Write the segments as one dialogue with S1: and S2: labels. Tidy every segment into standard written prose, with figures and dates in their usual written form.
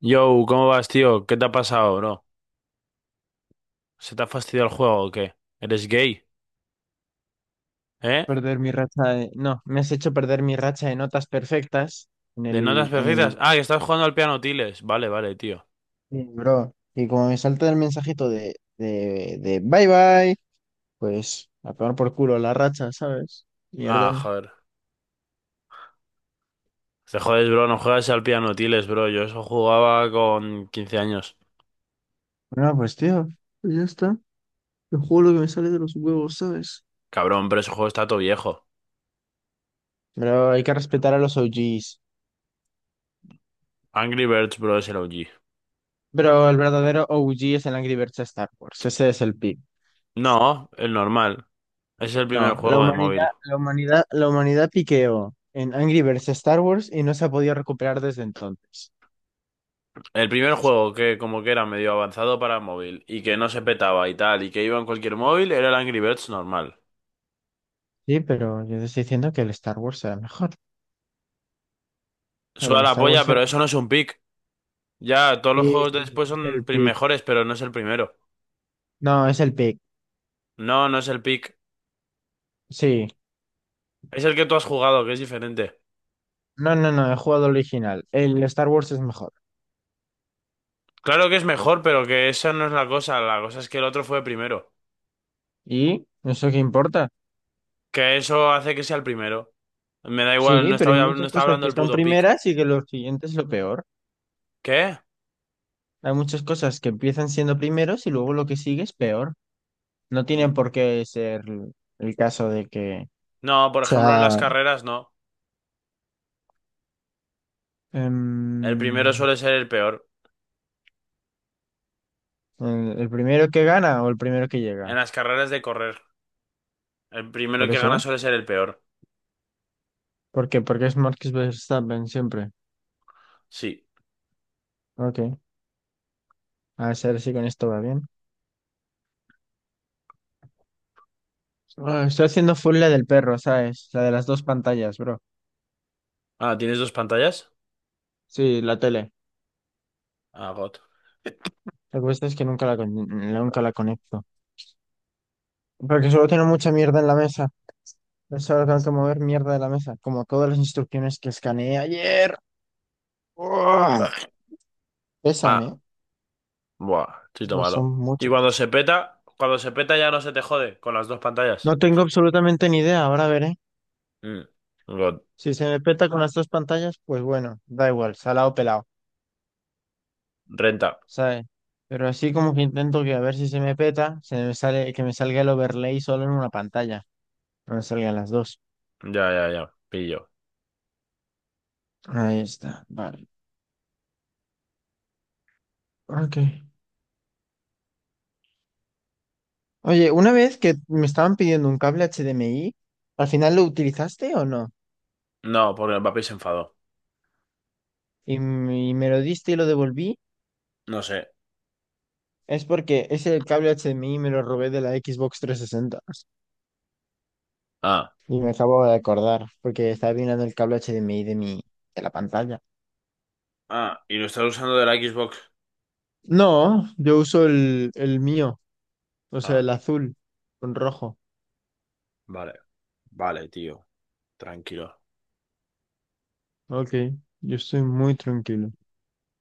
S1: Yo, ¿cómo vas, tío? ¿Qué te ha pasado, bro? ¿Se te ha fastidiado el juego o qué? ¿Eres gay? ¿Eh?
S2: Perder mi racha de... No, me has hecho perder mi racha de notas perfectas en
S1: ¿De notas
S2: el... En el...
S1: perfectas? Ah, que estás jugando al piano tiles. Vale, vale, tío.
S2: Sí, bro, y como me salta el mensajito de bye bye, pues a tomar por culo la racha, ¿sabes?
S1: Ah,
S2: Mierdón.
S1: joder. Te jodes, bro, no juegas al piano tiles, bro. Yo eso jugaba con 15 años.
S2: Bueno, pues tío, pues ya está. Yo juego lo que me sale de los huevos, ¿sabes?
S1: Cabrón, pero ese juego está todo viejo.
S2: Pero hay que respetar a los OGs.
S1: Angry Birds, bro, es el OG.
S2: Pero el verdadero OG es el Angry Birds de Star Wars. Ese es el pick.
S1: No, el normal. Ese es el primer
S2: No, la
S1: juego de
S2: humanidad,
S1: móvil.
S2: la humanidad, la humanidad piqueó en Angry Birds Star Wars y no se ha podido recuperar desde entonces.
S1: El primer juego que como que era medio avanzado para móvil y que no se petaba y tal y que iba en cualquier móvil era el Angry Birds normal.
S2: Sí, pero yo te estoy diciendo que el Star Wars era mejor.
S1: Suda
S2: El
S1: la
S2: Star
S1: polla,
S2: Wars
S1: pero
S2: era.
S1: eso no es un pick. Ya, todos los
S2: Sí,
S1: juegos
S2: sí,
S1: de después
S2: es
S1: son
S2: el pick.
S1: mejores, pero no es el primero.
S2: No, es el pick.
S1: No, no es el pick.
S2: Sí.
S1: Es el que tú has jugado, que es diferente.
S2: No, no, no, he jugado el original. El Star Wars es mejor.
S1: Claro que es mejor, pero que esa no es la cosa. La cosa es que el otro fue primero.
S2: ¿Y? ¿Eso qué importa?
S1: Que eso hace que sea el primero. Me da igual,
S2: Sí, pero hay
S1: no
S2: muchas
S1: estaba
S2: cosas
S1: hablando
S2: que
S1: del
S2: son
S1: puto pick.
S2: primeras y que lo siguiente es lo peor.
S1: ¿Qué?
S2: Hay muchas cosas que empiezan siendo primeros y luego lo que sigue es peor. No tiene
S1: Mm,
S2: por qué ser el caso de que
S1: No, por
S2: sea
S1: ejemplo, en las carreras no. El primero
S2: Em,
S1: suele ser el peor.
S2: el primero que gana o el primero que
S1: En
S2: llega.
S1: las carreras de correr, el primero
S2: Por
S1: que gana
S2: eso.
S1: suele ser el peor.
S2: ¿Por qué? Porque es Marcus Verstappen siempre.
S1: Sí.
S2: Ok. A ver si con esto va bien. Ah, estoy haciendo full la del perro, ¿sabes? La de las dos pantallas, bro.
S1: Ah, ¿tienes dos pantallas?
S2: Sí, la tele.
S1: Ah, God.
S2: Lo que pasa es que nunca la conecto. Porque solo tengo mucha mierda en la mesa. Solo tengo que mover mierda de la mesa. Como todas las instrucciones que escaneé ayer. ¡Uah! Pesan,
S1: Ah,
S2: ¿eh?
S1: buah, chito
S2: Pues
S1: malo.
S2: son
S1: Y
S2: muchas.
S1: cuando se peta ya no se te jode con las dos pantallas.
S2: No tengo absolutamente ni idea. Ahora veré.
S1: Mm. God.
S2: Si se me peta con las dos pantallas, pues bueno, da igual, salado pelado,
S1: Renta.
S2: ¿sabes? Pero así como que intento que a ver si se me peta, se me sale, que me salga el overlay solo en una pantalla, no me salgan las dos.
S1: Ya, ya, ya. Pillo.
S2: Ahí está, vale. Ok. Oye, una vez que me estaban pidiendo un cable HDMI, ¿al final lo utilizaste o no?
S1: No, porque el papi se enfadó.
S2: Y, y me lo diste y lo devolví,
S1: No sé.
S2: es porque ese cable HDMI me lo robé de la Xbox 360.
S1: Ah.
S2: Y me acabo de acordar, porque estaba mirando el cable HDMI de la pantalla.
S1: Ah, y lo estás usando de la Xbox.
S2: No, yo uso el mío, o sea, el
S1: Ah,
S2: azul con rojo.
S1: vale. Vale, tío. Tranquilo.
S2: Ok, yo estoy muy tranquilo.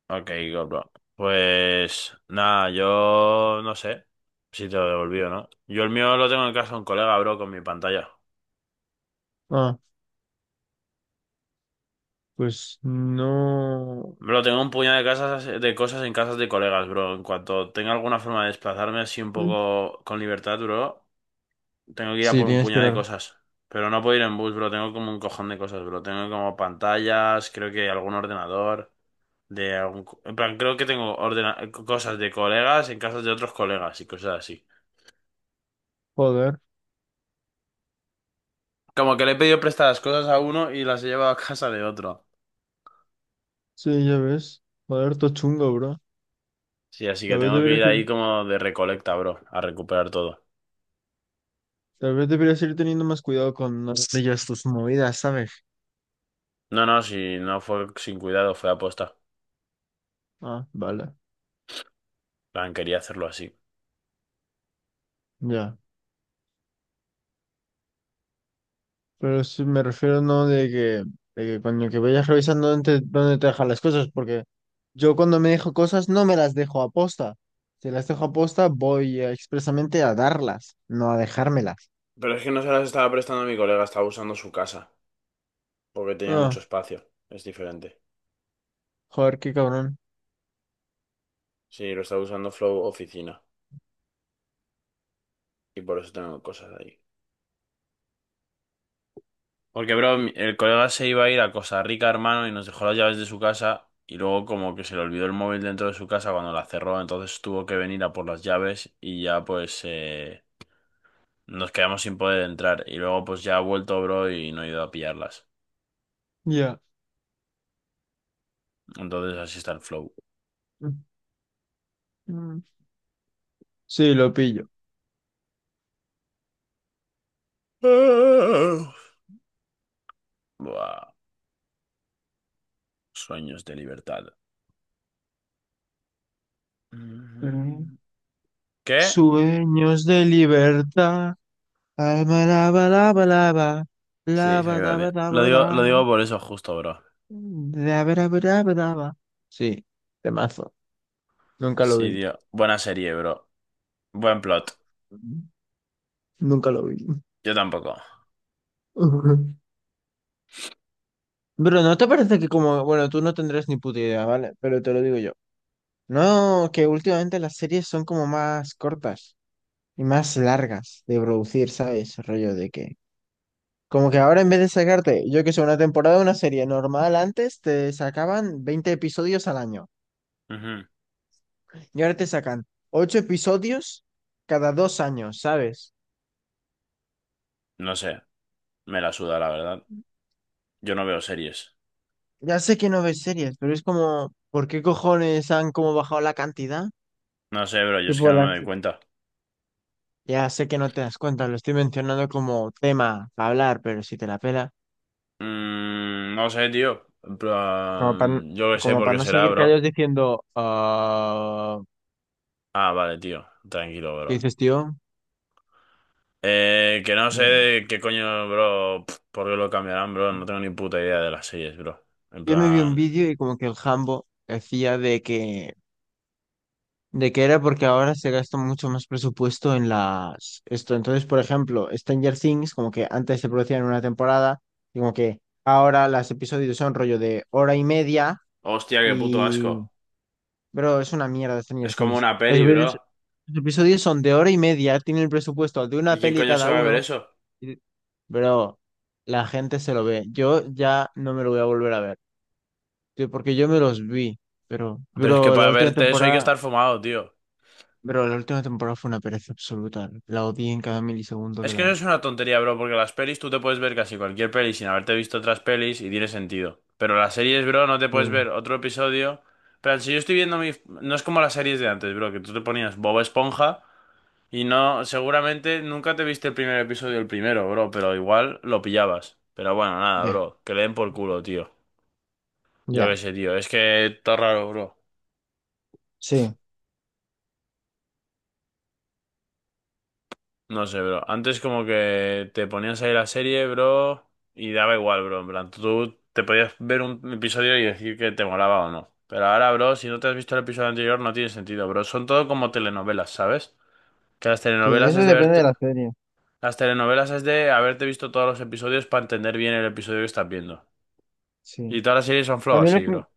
S1: Ok, God, bro. Pues nada, yo no sé si te lo devolví o no. Yo el mío lo tengo en casa de un colega, bro, con mi pantalla.
S2: Ah, pues no.
S1: Bro, tengo un puñado de casas, de cosas en casas de colegas, bro. En cuanto tenga alguna forma de desplazarme así un
S2: Mm.
S1: poco con libertad, bro, tengo que ir a
S2: Sí,
S1: por un
S2: tienes que
S1: puñado
S2: ir
S1: de
S2: a.
S1: cosas. Pero no puedo ir en bus, bro. Tengo como un cojón de cosas, bro. Tengo como pantallas, creo que algún ordenador, de algún... En plan, creo que tengo cosas de colegas en casas de otros colegas y cosas así.
S2: Joder,
S1: Como que le he pedido prestadas cosas a uno y las he llevado a casa de otro.
S2: sí, ya ves. Joder, todo chungo, bro.
S1: Sí, así que
S2: Tal vez
S1: tengo que ir
S2: deberías ir,
S1: ahí como de recolecta, bro, a recuperar todo.
S2: tal vez deberías ir teniendo más cuidado con no hacer ya tus movidas, ¿sabes?
S1: No, no, si no fue sin cuidado, fue aposta.
S2: Ah, vale,
S1: Plan, quería hacerlo así.
S2: ya. Pero sí me refiero no de que, de que cuando que vayas revisando dónde te dejan las cosas, porque yo cuando me dejo cosas no me las dejo a posta. Si las dejo a posta, voy expresamente a darlas, no a dejármelas.
S1: Pero es que no se las estaba prestando a mi colega, estaba usando su casa, porque tenía mucho
S2: Ah,
S1: espacio. Es diferente.
S2: joder, qué cabrón.
S1: Sí, lo estaba usando Flow Oficina, y por eso tengo cosas ahí. Porque, bro, el colega se iba a ir a Costa Rica, hermano, y nos dejó las llaves de su casa. Y luego, como que se le olvidó el móvil dentro de su casa cuando la cerró. Entonces tuvo que venir a por las llaves y ya, pues, nos quedamos sin poder entrar. Y luego, pues, ya ha vuelto, bro, y no he ido a pillarlas.
S2: Ya.
S1: Entonces, así está el flow.
S2: Mm. Sí, lo pillo.
S1: Buah. Sueños de libertad.
S2: Mm.
S1: Ujú. ¿Qué?
S2: Sueños de libertad. Alma lava lava lava.
S1: Sí,
S2: Lava daba
S1: exactamente.
S2: daba da.
S1: Lo digo por eso justo, bro.
S2: Daba daba daba daba. Sí, temazo. Nunca lo
S1: Sí,
S2: vi.
S1: tío. Buena serie, bro. Buen plot.
S2: Nunca lo vi.
S1: Yo tampoco.
S2: Ujú. Pero ¿no te parece que, como, bueno, tú no tendrás ni puta idea, vale? Pero te lo digo yo. No, que últimamente las series son como más cortas y más largas de producir, ¿sabes? Rollo de que. Como que ahora en vez de sacarte, yo que sé, una temporada de una serie normal antes, te sacaban 20 episodios al año.
S1: Ujú.
S2: Y ahora te sacan 8 episodios cada 2 años, ¿sabes?
S1: No sé. Me la suda, la verdad. Yo no veo series.
S2: Ya sé que no ves series, pero es como, ¿por qué cojones han como bajado la cantidad?
S1: No sé, bro. Yo es que
S2: Tipo,
S1: no me
S2: las,
S1: doy cuenta.
S2: Ya sé que no te das cuenta, lo estoy mencionando como tema para hablar, pero si te la pela,
S1: No sé, tío. En
S2: como para,
S1: plan, yo qué sé
S2: como
S1: por
S2: para
S1: qué
S2: no
S1: será,
S2: seguir
S1: bro.
S2: callados diciendo, ah,
S1: Ah, vale, tío. Tranquilo,
S2: ¿qué
S1: bro.
S2: dices, tío?
S1: Que no sé
S2: Mm.
S1: de qué coño, bro. ¿Por qué lo cambiarán, bro? No tengo ni puta idea de las series, bro. En
S2: Yo me vi un
S1: plan...
S2: vídeo y como que el Jambo decía de que era porque ahora se gasta mucho más presupuesto en las. Esto, entonces, por ejemplo, Stranger Things, como que antes se producía en una temporada, y como que ahora los episodios son rollo de hora y media.
S1: Hostia, qué puto asco.
S2: Bro, es una mierda Stranger
S1: Es como
S2: Things.
S1: una
S2: Los
S1: peli, bro.
S2: episodios, los episodios son de hora y media, tienen el presupuesto de
S1: ¿Y
S2: una
S1: quién
S2: peli
S1: coño se
S2: cada
S1: va a ver
S2: uno.
S1: eso?
S2: y- Bro, la gente se lo ve. Yo ya no me lo voy a volver a ver. Tío, porque yo me los vi. Pero,
S1: Pero es que
S2: bro,
S1: para verte eso hay que estar fumado, tío.
S2: bro, la última temporada fue una pereza absoluta. La odié en cada milisegundo
S1: Es
S2: que
S1: que
S2: la
S1: eso
S2: vi.
S1: es una tontería, bro, porque las pelis tú te puedes ver casi cualquier peli sin haberte visto otras pelis y tiene sentido. Pero las series, bro, no te puedes
S2: Mm,
S1: ver otro episodio. Pero si yo estoy viendo mi... No es como las series de antes, bro, que tú te ponías Bob Esponja y no... Seguramente nunca te viste el primer episodio, el primero, bro, pero igual lo pillabas. Pero bueno, nada,
S2: ya,
S1: bro, que le den por culo, tío. Yo qué
S2: ya.
S1: sé, tío, es que está raro, bro.
S2: Sí,
S1: No sé, bro. Antes como que te ponías ahí la serie, bro, y daba igual, bro. En plan, tú te podías ver un episodio y decir que te molaba o no. Pero ahora, bro, si no te has visto el episodio anterior, no tiene sentido, bro. Son todo como telenovelas, ¿sabes? Que las
S2: sí,
S1: telenovelas
S2: eso
S1: es de
S2: depende de
S1: verte...
S2: la serie.
S1: Las telenovelas es de haberte visto todos los episodios para entender bien el episodio que estás viendo. Y
S2: Sí.
S1: todas las series son
S2: A
S1: flow
S2: mí lo
S1: así,
S2: que,
S1: bro.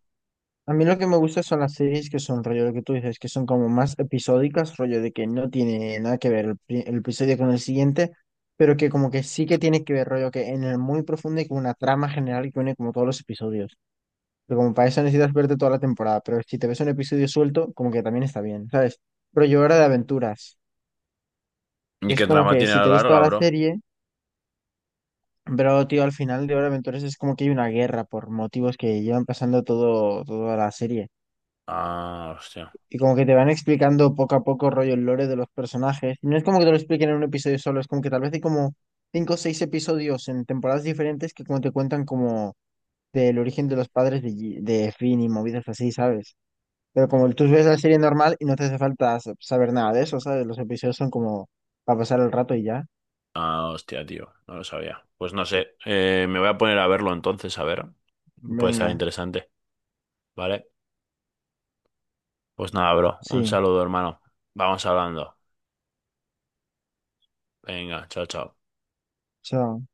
S2: a mí lo que me gusta son las series que son rollo lo que tú dices, que son como más episódicas, rollo de que no tiene nada que ver el episodio con el siguiente, pero que como que sí que tiene que ver rollo que en el muy profundo y con una trama general que une como todos los episodios. Pero como para eso necesitas verte toda la temporada, pero si te ves un episodio suelto, como que también está bien, ¿sabes? Rollo Hora de Aventuras,
S1: ¿Y
S2: que es
S1: qué
S2: como
S1: trama
S2: que
S1: tiene a
S2: si
S1: la
S2: te ves
S1: larga,
S2: toda la
S1: bro?
S2: serie, pero tío, al final de Hora de Aventuras es como que hay una guerra por motivos que llevan pasando todo, toda la serie.
S1: Ah, hostia.
S2: Y como que te van explicando poco a poco rollo el lore de los personajes. No es como que te lo expliquen en un episodio solo, es como que tal vez hay como cinco o seis episodios en temporadas diferentes que como te cuentan como del origen de los padres de Finn y movidas así, ¿sabes? Pero como tú ves la serie normal y no te hace falta saber nada de eso, ¿sabes? Los episodios son como para pasar el rato y ya.
S1: Ah, hostia, tío, no lo sabía. Pues no sé, me voy a poner a verlo entonces, a ver. Puede estar
S2: Venga,
S1: interesante, ¿vale? Pues nada, bro, un
S2: sí,
S1: saludo, hermano. Vamos hablando. Venga, chao, chao.
S2: chao.